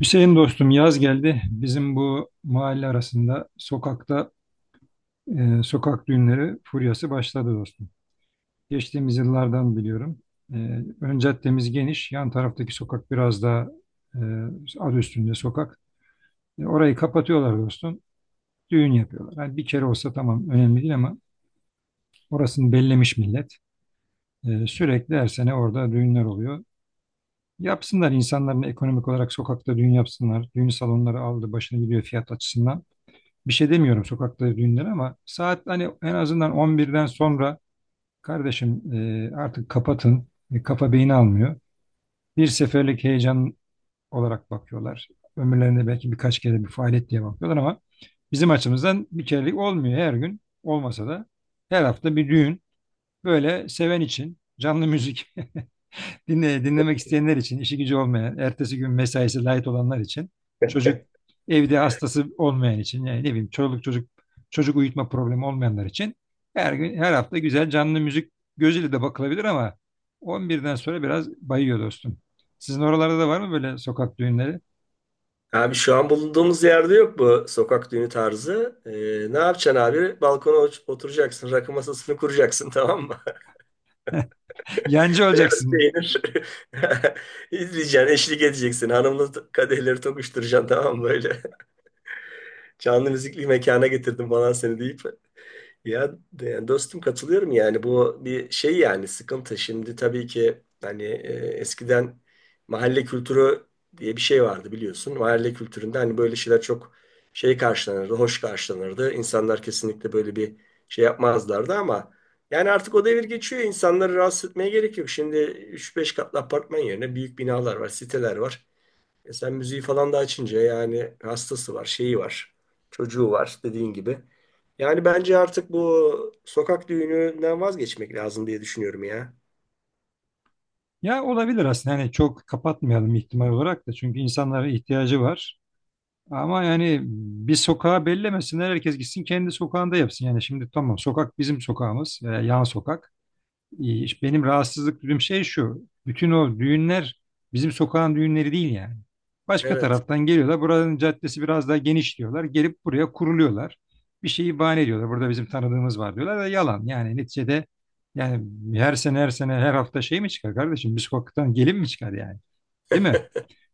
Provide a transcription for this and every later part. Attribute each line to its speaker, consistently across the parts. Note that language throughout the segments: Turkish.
Speaker 1: Hüseyin dostum, yaz geldi. Bizim bu mahalle arasında sokakta sokak düğünleri furyası başladı dostum. Geçtiğimiz yıllardan biliyorum. E, ön caddemiz geniş. Yan taraftaki sokak biraz daha e, adı üstünde sokak. Orayı kapatıyorlar dostum. Düğün yapıyorlar. Hani bir kere olsa tamam, önemli değil ama orasını bellemiş millet. Sürekli her sene orada düğünler oluyor. Yapsınlar, insanların ekonomik olarak sokakta düğün yapsınlar. Düğün salonları aldı başını gidiyor fiyat açısından. Bir şey demiyorum sokakta düğünler ama saat hani en azından 11'den sonra kardeşim, artık kapatın. Kafa beyni almıyor. Bir seferlik heyecan olarak bakıyorlar. Ömürlerinde belki birkaç kere bir faaliyet diye bakıyorlar ama bizim açımızdan bir kerelik olmuyor, her gün. Olmasa da her hafta bir düğün. Böyle seven için canlı müzik. Dinle, dinlemek isteyenler için, işi gücü olmayan, ertesi gün mesaisi light olanlar için, çocuk evde hastası olmayan için, yani ne bileyim, çoluk çocuk çocuk uyutma problemi olmayanlar için her gün her hafta güzel canlı müzik gözüyle de bakılabilir ama 11'den sonra biraz bayıyor dostum. Sizin oralarda da var mı böyle sokak düğünleri?
Speaker 2: Abi şu an bulunduğumuz yerde yok bu sokak düğünü tarzı. Ne yapacaksın abi? Balkona oturacaksın, rakı masasını kuracaksın, tamam mı?
Speaker 1: Yancı
Speaker 2: Beyaz
Speaker 1: olacaksın.
Speaker 2: peynir izleyeceksin, eşlik edeceksin. Hanımla kadehleri tokuşturacaksın, tamam mı böyle? Canlı müzikli mekana getirdim falan seni deyip. Ya dostum, katılıyorum yani, bu bir şey yani, sıkıntı. Şimdi tabii ki hani eskiden mahalle kültürü diye bir şey vardı, biliyorsun. Mahalle kültüründe hani böyle şeyler çok şey karşılanırdı, hoş karşılanırdı. İnsanlar kesinlikle böyle bir şey yapmazlardı ama yani artık o devir geçiyor. İnsanları rahatsız etmeye gerek yok. Şimdi üç beş katlı apartman yerine büyük binalar var, siteler var. E sen müziği falan da açınca yani hastası var, şeyi var, çocuğu var dediğin gibi. Yani bence artık bu sokak düğününden vazgeçmek lazım diye düşünüyorum ya.
Speaker 1: Ya, olabilir aslında. Hani çok kapatmayalım ihtimal olarak da çünkü insanlara ihtiyacı var. Ama yani bir sokağa bellemesinler, herkes gitsin kendi sokağında yapsın. Yani şimdi tamam, sokak bizim sokağımız, yan sokak. E, işte benim rahatsızlık duyduğum şey şu. Bütün o düğünler bizim sokağın düğünleri değil yani. Başka
Speaker 2: Evet,
Speaker 1: taraftan geliyorlar. Buranın caddesi biraz daha geniş diyorlar. Gelip buraya kuruluyorlar. Bir şeyi bahane ediyorlar. Burada bizim tanıdığımız var diyorlar da yalan. Yani neticede, yani her sene her hafta şey mi çıkar kardeşim? Bir sokaktan gelin mi çıkar yani? Değil mi?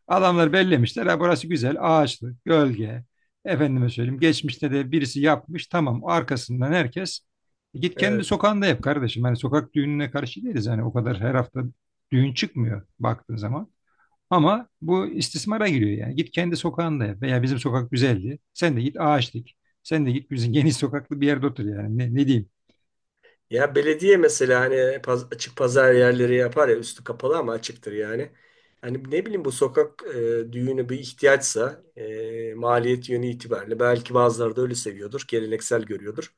Speaker 1: Adamlar bellemişler. Ha, burası güzel, ağaçlı, gölge. Efendime söyleyeyim. Geçmişte de birisi yapmış. Tamam. Arkasından herkes. "Git kendi
Speaker 2: evet.
Speaker 1: sokağında yap kardeşim. Hani sokak düğününe karşı değiliz. Hani o kadar her hafta düğün çıkmıyor baktığın zaman. Ama bu istismara giriyor yani. Git kendi sokağında yap. Veya bizim sokak güzeldi. Sen de git ağaç dik. Sen de git bizim geniş sokaklı bir yerde otur yani. Ne diyeyim?
Speaker 2: Ya belediye mesela hani açık pazar yerleri yapar ya, üstü kapalı ama açıktır yani. Hani ne bileyim, bu sokak düğünü bir ihtiyaçsa maliyet yönü itibariyle belki bazıları da öyle seviyordur, geleneksel görüyordur.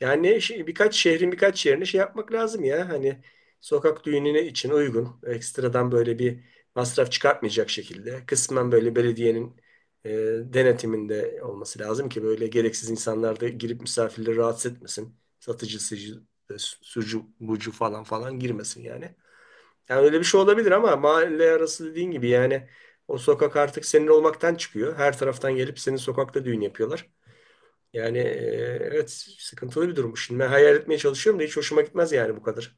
Speaker 2: Yani şey, birkaç şehrin birkaç yerine şey yapmak lazım ya. Hani sokak düğününe için uygun. Ekstradan böyle bir masraf çıkartmayacak şekilde. Kısmen böyle belediyenin e, denetiminde olması lazım ki böyle gereksiz insanlar da girip misafirleri rahatsız etmesin. Satıcı, sıcı, e, sucu, bucu falan falan girmesin yani. Yani öyle bir şey olabilir ama mahalle arası dediğin gibi yani o sokak artık senin olmaktan çıkıyor. Her taraftan gelip senin sokakta düğün yapıyorlar. Yani, evet, sıkıntılı bir durum. Şimdi ben hayal etmeye çalışıyorum da hiç hoşuma gitmez yani bu kadar.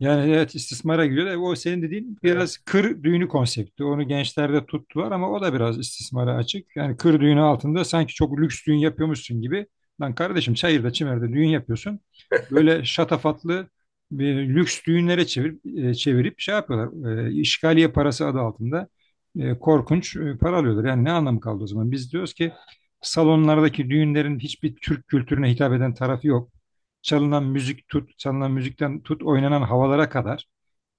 Speaker 1: Yani evet, istismara giriyor. O senin dediğin biraz
Speaker 2: Evet.
Speaker 1: kır düğünü konsepti. Onu gençlerde tuttular ama o da biraz istismara açık. Yani kır düğünü altında sanki çok lüks düğün yapıyormuşsun gibi. Lan kardeşim, çayırda çimerde düğün yapıyorsun. Böyle şatafatlı bir lüks düğünlere çevirip şey yapıyorlar. E, işgaliye parası adı altında korkunç para alıyorlar. Yani ne anlamı kaldı o zaman? Biz diyoruz ki salonlardaki düğünlerin hiçbir Türk kültürüne hitap eden tarafı yok, çalınan müzik tut, çalınan müzikten tut oynanan havalara kadar.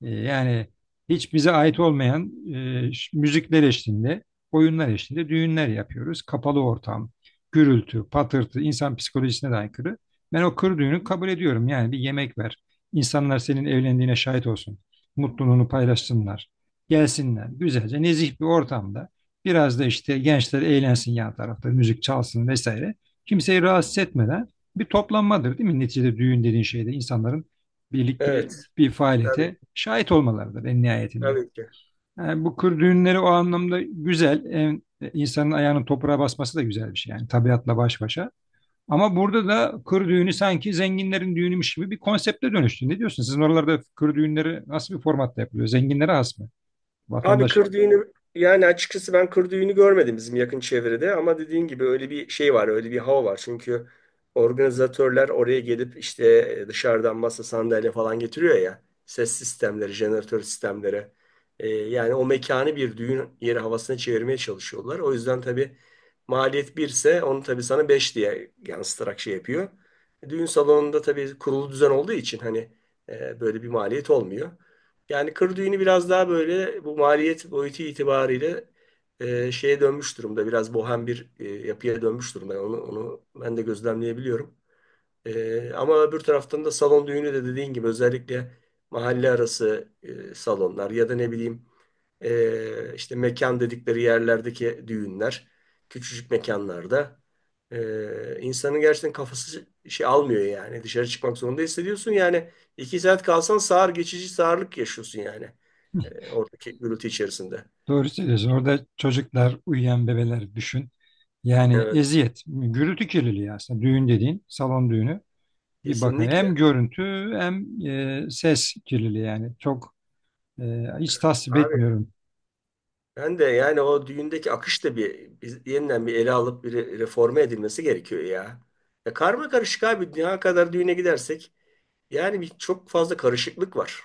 Speaker 1: Yani hiç bize ait olmayan müzikler eşliğinde, oyunlar eşliğinde düğünler yapıyoruz. Kapalı ortam, gürültü, patırtı, insan psikolojisine de aykırı. Ben o kır düğünü kabul ediyorum. Yani bir yemek ver. İnsanlar senin evlendiğine şahit olsun. Mutluluğunu paylaşsınlar. Gelsinler. Güzelce nezih bir ortamda. Biraz da işte gençler eğlensin yan tarafta. Müzik çalsın vesaire. Kimseyi rahatsız etmeden bir toplanmadır değil mi? Neticede düğün dediğin şeyde insanların birlikte
Speaker 2: Evet.
Speaker 1: bir
Speaker 2: Tabii.
Speaker 1: faaliyete şahit olmalarıdır en nihayetinde.
Speaker 2: Tabii ki.
Speaker 1: Yani bu kır düğünleri o anlamda güzel. En- e, insanın ayağının toprağa basması da güzel bir şey yani, tabiatla baş başa. Ama burada da kır düğünü sanki zenginlerin düğünüymüş gibi bir konsepte dönüştü. Ne diyorsun? Sizin oralarda kır düğünleri nasıl bir formatta yapılıyor? Zenginlere has mı?
Speaker 2: Abi
Speaker 1: Vatandaş
Speaker 2: kır düğünü, yani açıkçası ben kır düğünü görmedim bizim yakın çevrede ama dediğin gibi öyle bir şey var, öyle bir hava var. Çünkü organizatörler oraya gelip işte dışarıdan masa sandalye falan getiriyor ya. Ses sistemleri, jeneratör sistemleri. Yani o mekanı bir düğün yeri havasına çevirmeye çalışıyorlar. O yüzden tabii maliyet birse onu tabii sana 5 diye yansıtarak şey yapıyor. Düğün salonunda tabii kurulu düzen olduğu için hani böyle bir maliyet olmuyor. Yani kır düğünü biraz daha böyle bu maliyet boyutu itibariyle şeye dönmüş durumda. Biraz bohem bir yapıya dönmüş durumda. Yani onu ben de gözlemleyebiliyorum. Ama öbür taraftan da salon düğünü de dediğin gibi, özellikle mahalle arası salonlar ya da ne bileyim, işte mekan dedikleri yerlerdeki düğünler, küçücük mekanlarda. E, insanın gerçekten kafası şey almıyor yani. Dışarı çıkmak zorunda hissediyorsun. Yani İki saat kalsan sağır, geçici sağırlık yaşıyorsun yani. Oradaki gürültü içerisinde.
Speaker 1: doğru söylüyorsun. Orada çocuklar, uyuyan bebeler düşün. Yani
Speaker 2: Evet,
Speaker 1: eziyet, gürültü kirliliği aslında düğün dediğin, salon düğünü. Bir bakın, hem
Speaker 2: kesinlikle.
Speaker 1: görüntü hem ses kirliliği yani çok. Ee, Hiç
Speaker 2: Evet,
Speaker 1: tasvip
Speaker 2: abi,
Speaker 1: etmiyorum.
Speaker 2: ben de yani o düğündeki akış da bir yeniden bir ele alıp bir reforme edilmesi gerekiyor ya. Ya karma karışık abi, dünya kadar düğüne gidersek yani, bir çok fazla karışıklık var.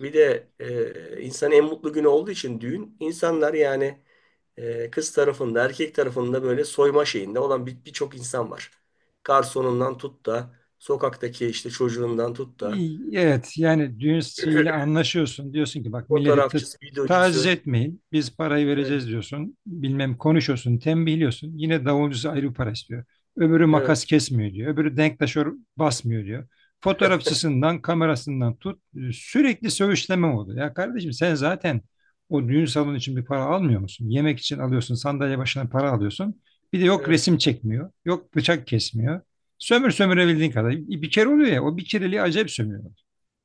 Speaker 2: Bir de insanın en mutlu günü olduğu için düğün, insanlar yani kız tarafında erkek tarafında böyle soyma şeyinde olan birçok insan var. Garsonundan tut da sokaktaki işte çocuğundan tut da
Speaker 1: İyi, evet, yani düğün ile anlaşıyorsun. Diyorsun ki bak, milleti
Speaker 2: fotoğrafçısı,
Speaker 1: taciz
Speaker 2: videocusu.
Speaker 1: etmeyin. Biz parayı
Speaker 2: Evet,
Speaker 1: vereceğiz diyorsun. Bilmem konuşuyorsun, tembihliyorsun. Yine davulcusu ayrı bir para istiyor. Öbürü
Speaker 2: evet,
Speaker 1: makas kesmiyor diyor. Öbürü denktaşör basmıyor diyor. Fotoğrafçısından, kamerasından tut. Sürekli söğüşleme oldu. Ya kardeşim, sen zaten o düğün salonu için bir para almıyor musun? Yemek için alıyorsun, sandalye başına para alıyorsun. Bir de yok
Speaker 2: evet.
Speaker 1: resim çekmiyor, yok bıçak kesmiyor. Sömür sömürebildiğin kadar. Bir kere oluyor ya, o bir kereliği acayip sömürüyor.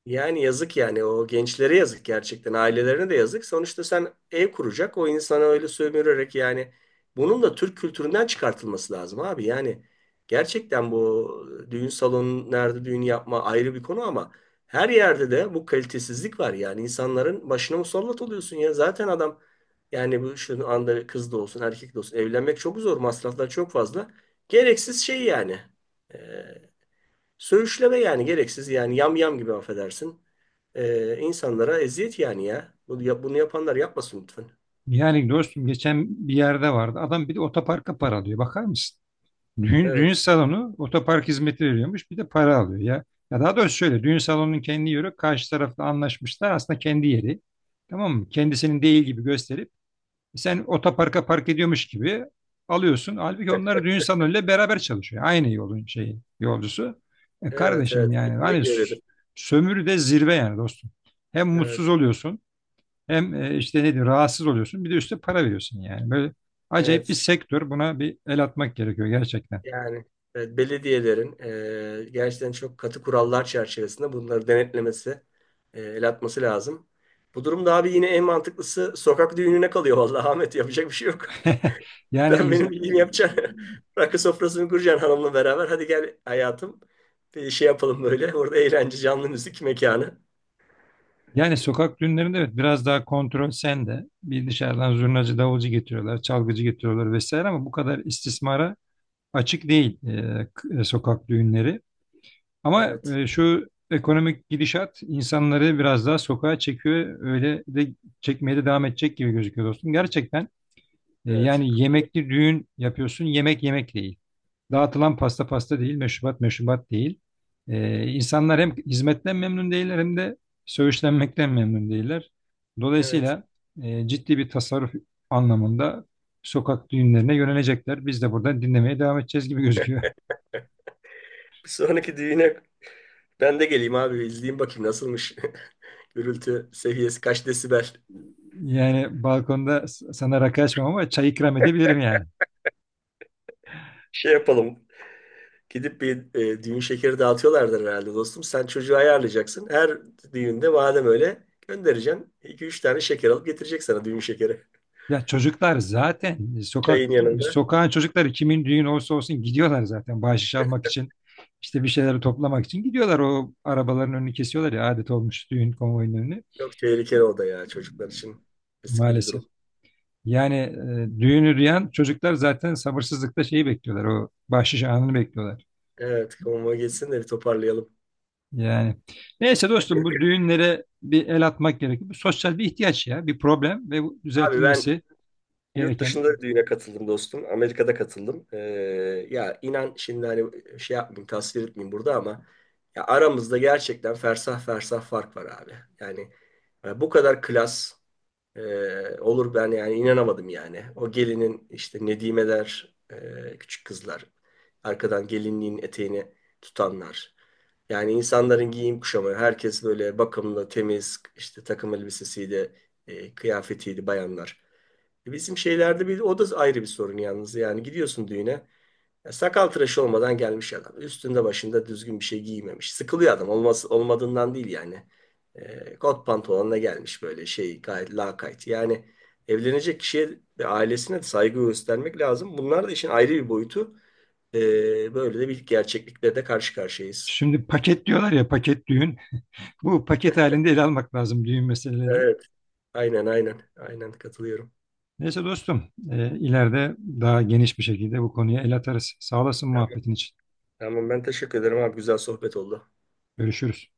Speaker 2: Yani yazık yani, o gençlere yazık gerçekten, ailelerine de yazık. Sonuçta sen ev kuracak o insana öyle sömürerek yani, bunun da Türk kültüründen çıkartılması lazım abi. Yani gerçekten bu düğün salonu nerede düğün yapma ayrı bir konu ama her yerde de bu kalitesizlik var. Yani insanların başına musallat oluyorsun ya, zaten adam yani, bu şu anda kız da olsun erkek de olsun evlenmek çok zor, masraflar çok fazla. Gereksiz şey yani. Ee, Söğüşleme yani, gereksiz yani, yam yam gibi affedersin. İnsanlara eziyet yani ya. Bunu yapanlar yapmasın lütfen.
Speaker 1: Yani dostum geçen bir yerde vardı. Adam bir de otoparka para alıyor. Bakar mısın? Düğün
Speaker 2: Evet.
Speaker 1: salonu otopark hizmeti veriyormuş bir de para alıyor ya. Ya daha doğrusu şöyle, düğün salonunun kendi yeri karşı tarafla anlaşmışlar, aslında kendi yeri. Tamam mı? Kendisinin değil gibi gösterip sen otoparka park ediyormuş gibi alıyorsun. Halbuki onlar düğün salonuyla beraber çalışıyor. Aynı yolun şeyi, yolcusu. E
Speaker 2: Evet, evet.
Speaker 1: kardeşim yani hani
Speaker 2: Kesinlikle öyledir.
Speaker 1: sömürü de zirve yani dostum. Hem
Speaker 2: Evet.
Speaker 1: mutsuz oluyorsun hem işte nedir, rahatsız oluyorsun. Bir de üstüne para veriyorsun yani. Böyle acayip bir
Speaker 2: Evet.
Speaker 1: sektör. Buna bir el atmak gerekiyor gerçekten.
Speaker 2: Yani evet, belediyelerin gerçekten çok katı kurallar çerçevesinde bunları denetlemesi, el atması lazım. Bu durumda abi yine en mantıklısı sokak düğününe kalıyor. Vallahi Ahmet, yapacak bir şey yok.
Speaker 1: Yani
Speaker 2: Sen benim bildiğimi yapacaksın. Rakı sofrasını kuracaksın hanımla beraber. Hadi gel hayatım. Bir şey yapalım böyle. Orada eğlence, canlı müzik mekanı.
Speaker 1: sokak düğünlerinde evet biraz daha kontrol sende. Bir dışarıdan zurnacı, davulcu getiriyorlar, çalgıcı getiriyorlar vesaire ama bu kadar istismara açık değil sokak düğünleri. Ama
Speaker 2: Evet.
Speaker 1: şu ekonomik gidişat insanları biraz daha sokağa çekiyor. Öyle de çekmeye de devam edecek gibi gözüküyor dostum. Gerçekten
Speaker 2: Evet.
Speaker 1: yani yemekli düğün yapıyorsun. Yemek yemek değil. Dağıtılan pasta pasta değil. Meşrubat meşrubat değil. E, insanlar hem hizmetten memnun değiller hem de söğüşlenmekten memnun değiller.
Speaker 2: Evet.
Speaker 1: Dolayısıyla ciddi bir tasarruf anlamında sokak düğünlerine yönelecekler. Biz de buradan dinlemeye devam edeceğiz gibi gözüküyor.
Speaker 2: Bir sonraki düğüne ben de geleyim abi. İzleyeyim bakayım nasılmış. Gürültü seviyesi kaç desibel.
Speaker 1: Yani balkonda sana rakı açmam ama çay ikram edebilirim yani.
Speaker 2: Şey yapalım. Gidip bir düğün şekeri dağıtıyorlardır herhalde dostum. Sen çocuğu ayarlayacaksın. Her düğünde madem öyle göndereceksin, iki üç tane şeker alıp getirecek sana düğün şekeri.
Speaker 1: Ya çocuklar zaten
Speaker 2: Çayın yanında.
Speaker 1: sokağın çocukları kimin düğün olsa olsun gidiyorlar zaten bahşiş almak için, işte bir şeyleri toplamak için gidiyorlar, o arabaların önünü kesiyorlar ya, adet olmuş düğün konvoyunun önünü,
Speaker 2: Çok tehlikeli o da ya, çocuklar için riskli bir
Speaker 1: maalesef.
Speaker 2: durum.
Speaker 1: Yani düğünü duyan çocuklar zaten sabırsızlıkla şeyi bekliyorlar, o bahşiş anını bekliyorlar.
Speaker 2: Evet, konuma geçsin de bir toparlayalım.
Speaker 1: Yani neyse dostum, bu düğünlere bir el atmak gerekiyor. Bu sosyal bir ihtiyaç ya, bir problem ve bu
Speaker 2: Abi ben
Speaker 1: düzeltilmesi
Speaker 2: yurt
Speaker 1: gereken.
Speaker 2: dışında bir düğüne katıldım dostum. Amerika'da katıldım. Ya inan, şimdi hani şey yapmayayım, tasvir etmeyeyim burada ama ya, aramızda gerçekten fersah fersah fark var abi. Yani, bu kadar klas e, olur ben yani, inanamadım yani. O gelinin işte nedimeler, küçük kızlar, arkadan gelinliğin eteğini tutanlar. Yani insanların giyim kuşamı, herkes böyle bakımlı, temiz, işte takım elbisesiydi, kıyafetiydi bayanlar. Bizim şeylerde bir, o da ayrı bir sorun yalnız. Yani gidiyorsun düğüne, ya sakal tıraşı olmadan gelmiş adam. Üstünde başında düzgün bir şey giymemiş. Sıkılıyor adam. Olmaz, olmadığından değil yani. Kot pantolonla gelmiş, böyle şey, gayet lakayt. Yani evlenecek kişiye ve ailesine de saygı göstermek lazım. Bunlar da işin ayrı bir boyutu. Böyle de bir gerçeklikle de karşı karşıyayız.
Speaker 1: Şimdi paket diyorlar ya, paket düğün. Bu paket halinde ele almak lazım düğün meselelerini.
Speaker 2: Evet. Aynen, aynen. Aynen katılıyorum.
Speaker 1: Neyse dostum, ileride daha geniş bir şekilde bu konuya el atarız. Sağ olasın
Speaker 2: Tamam.
Speaker 1: muhabbetin için.
Speaker 2: Tamam, ben teşekkür ederim abi. Güzel sohbet oldu.
Speaker 1: Görüşürüz.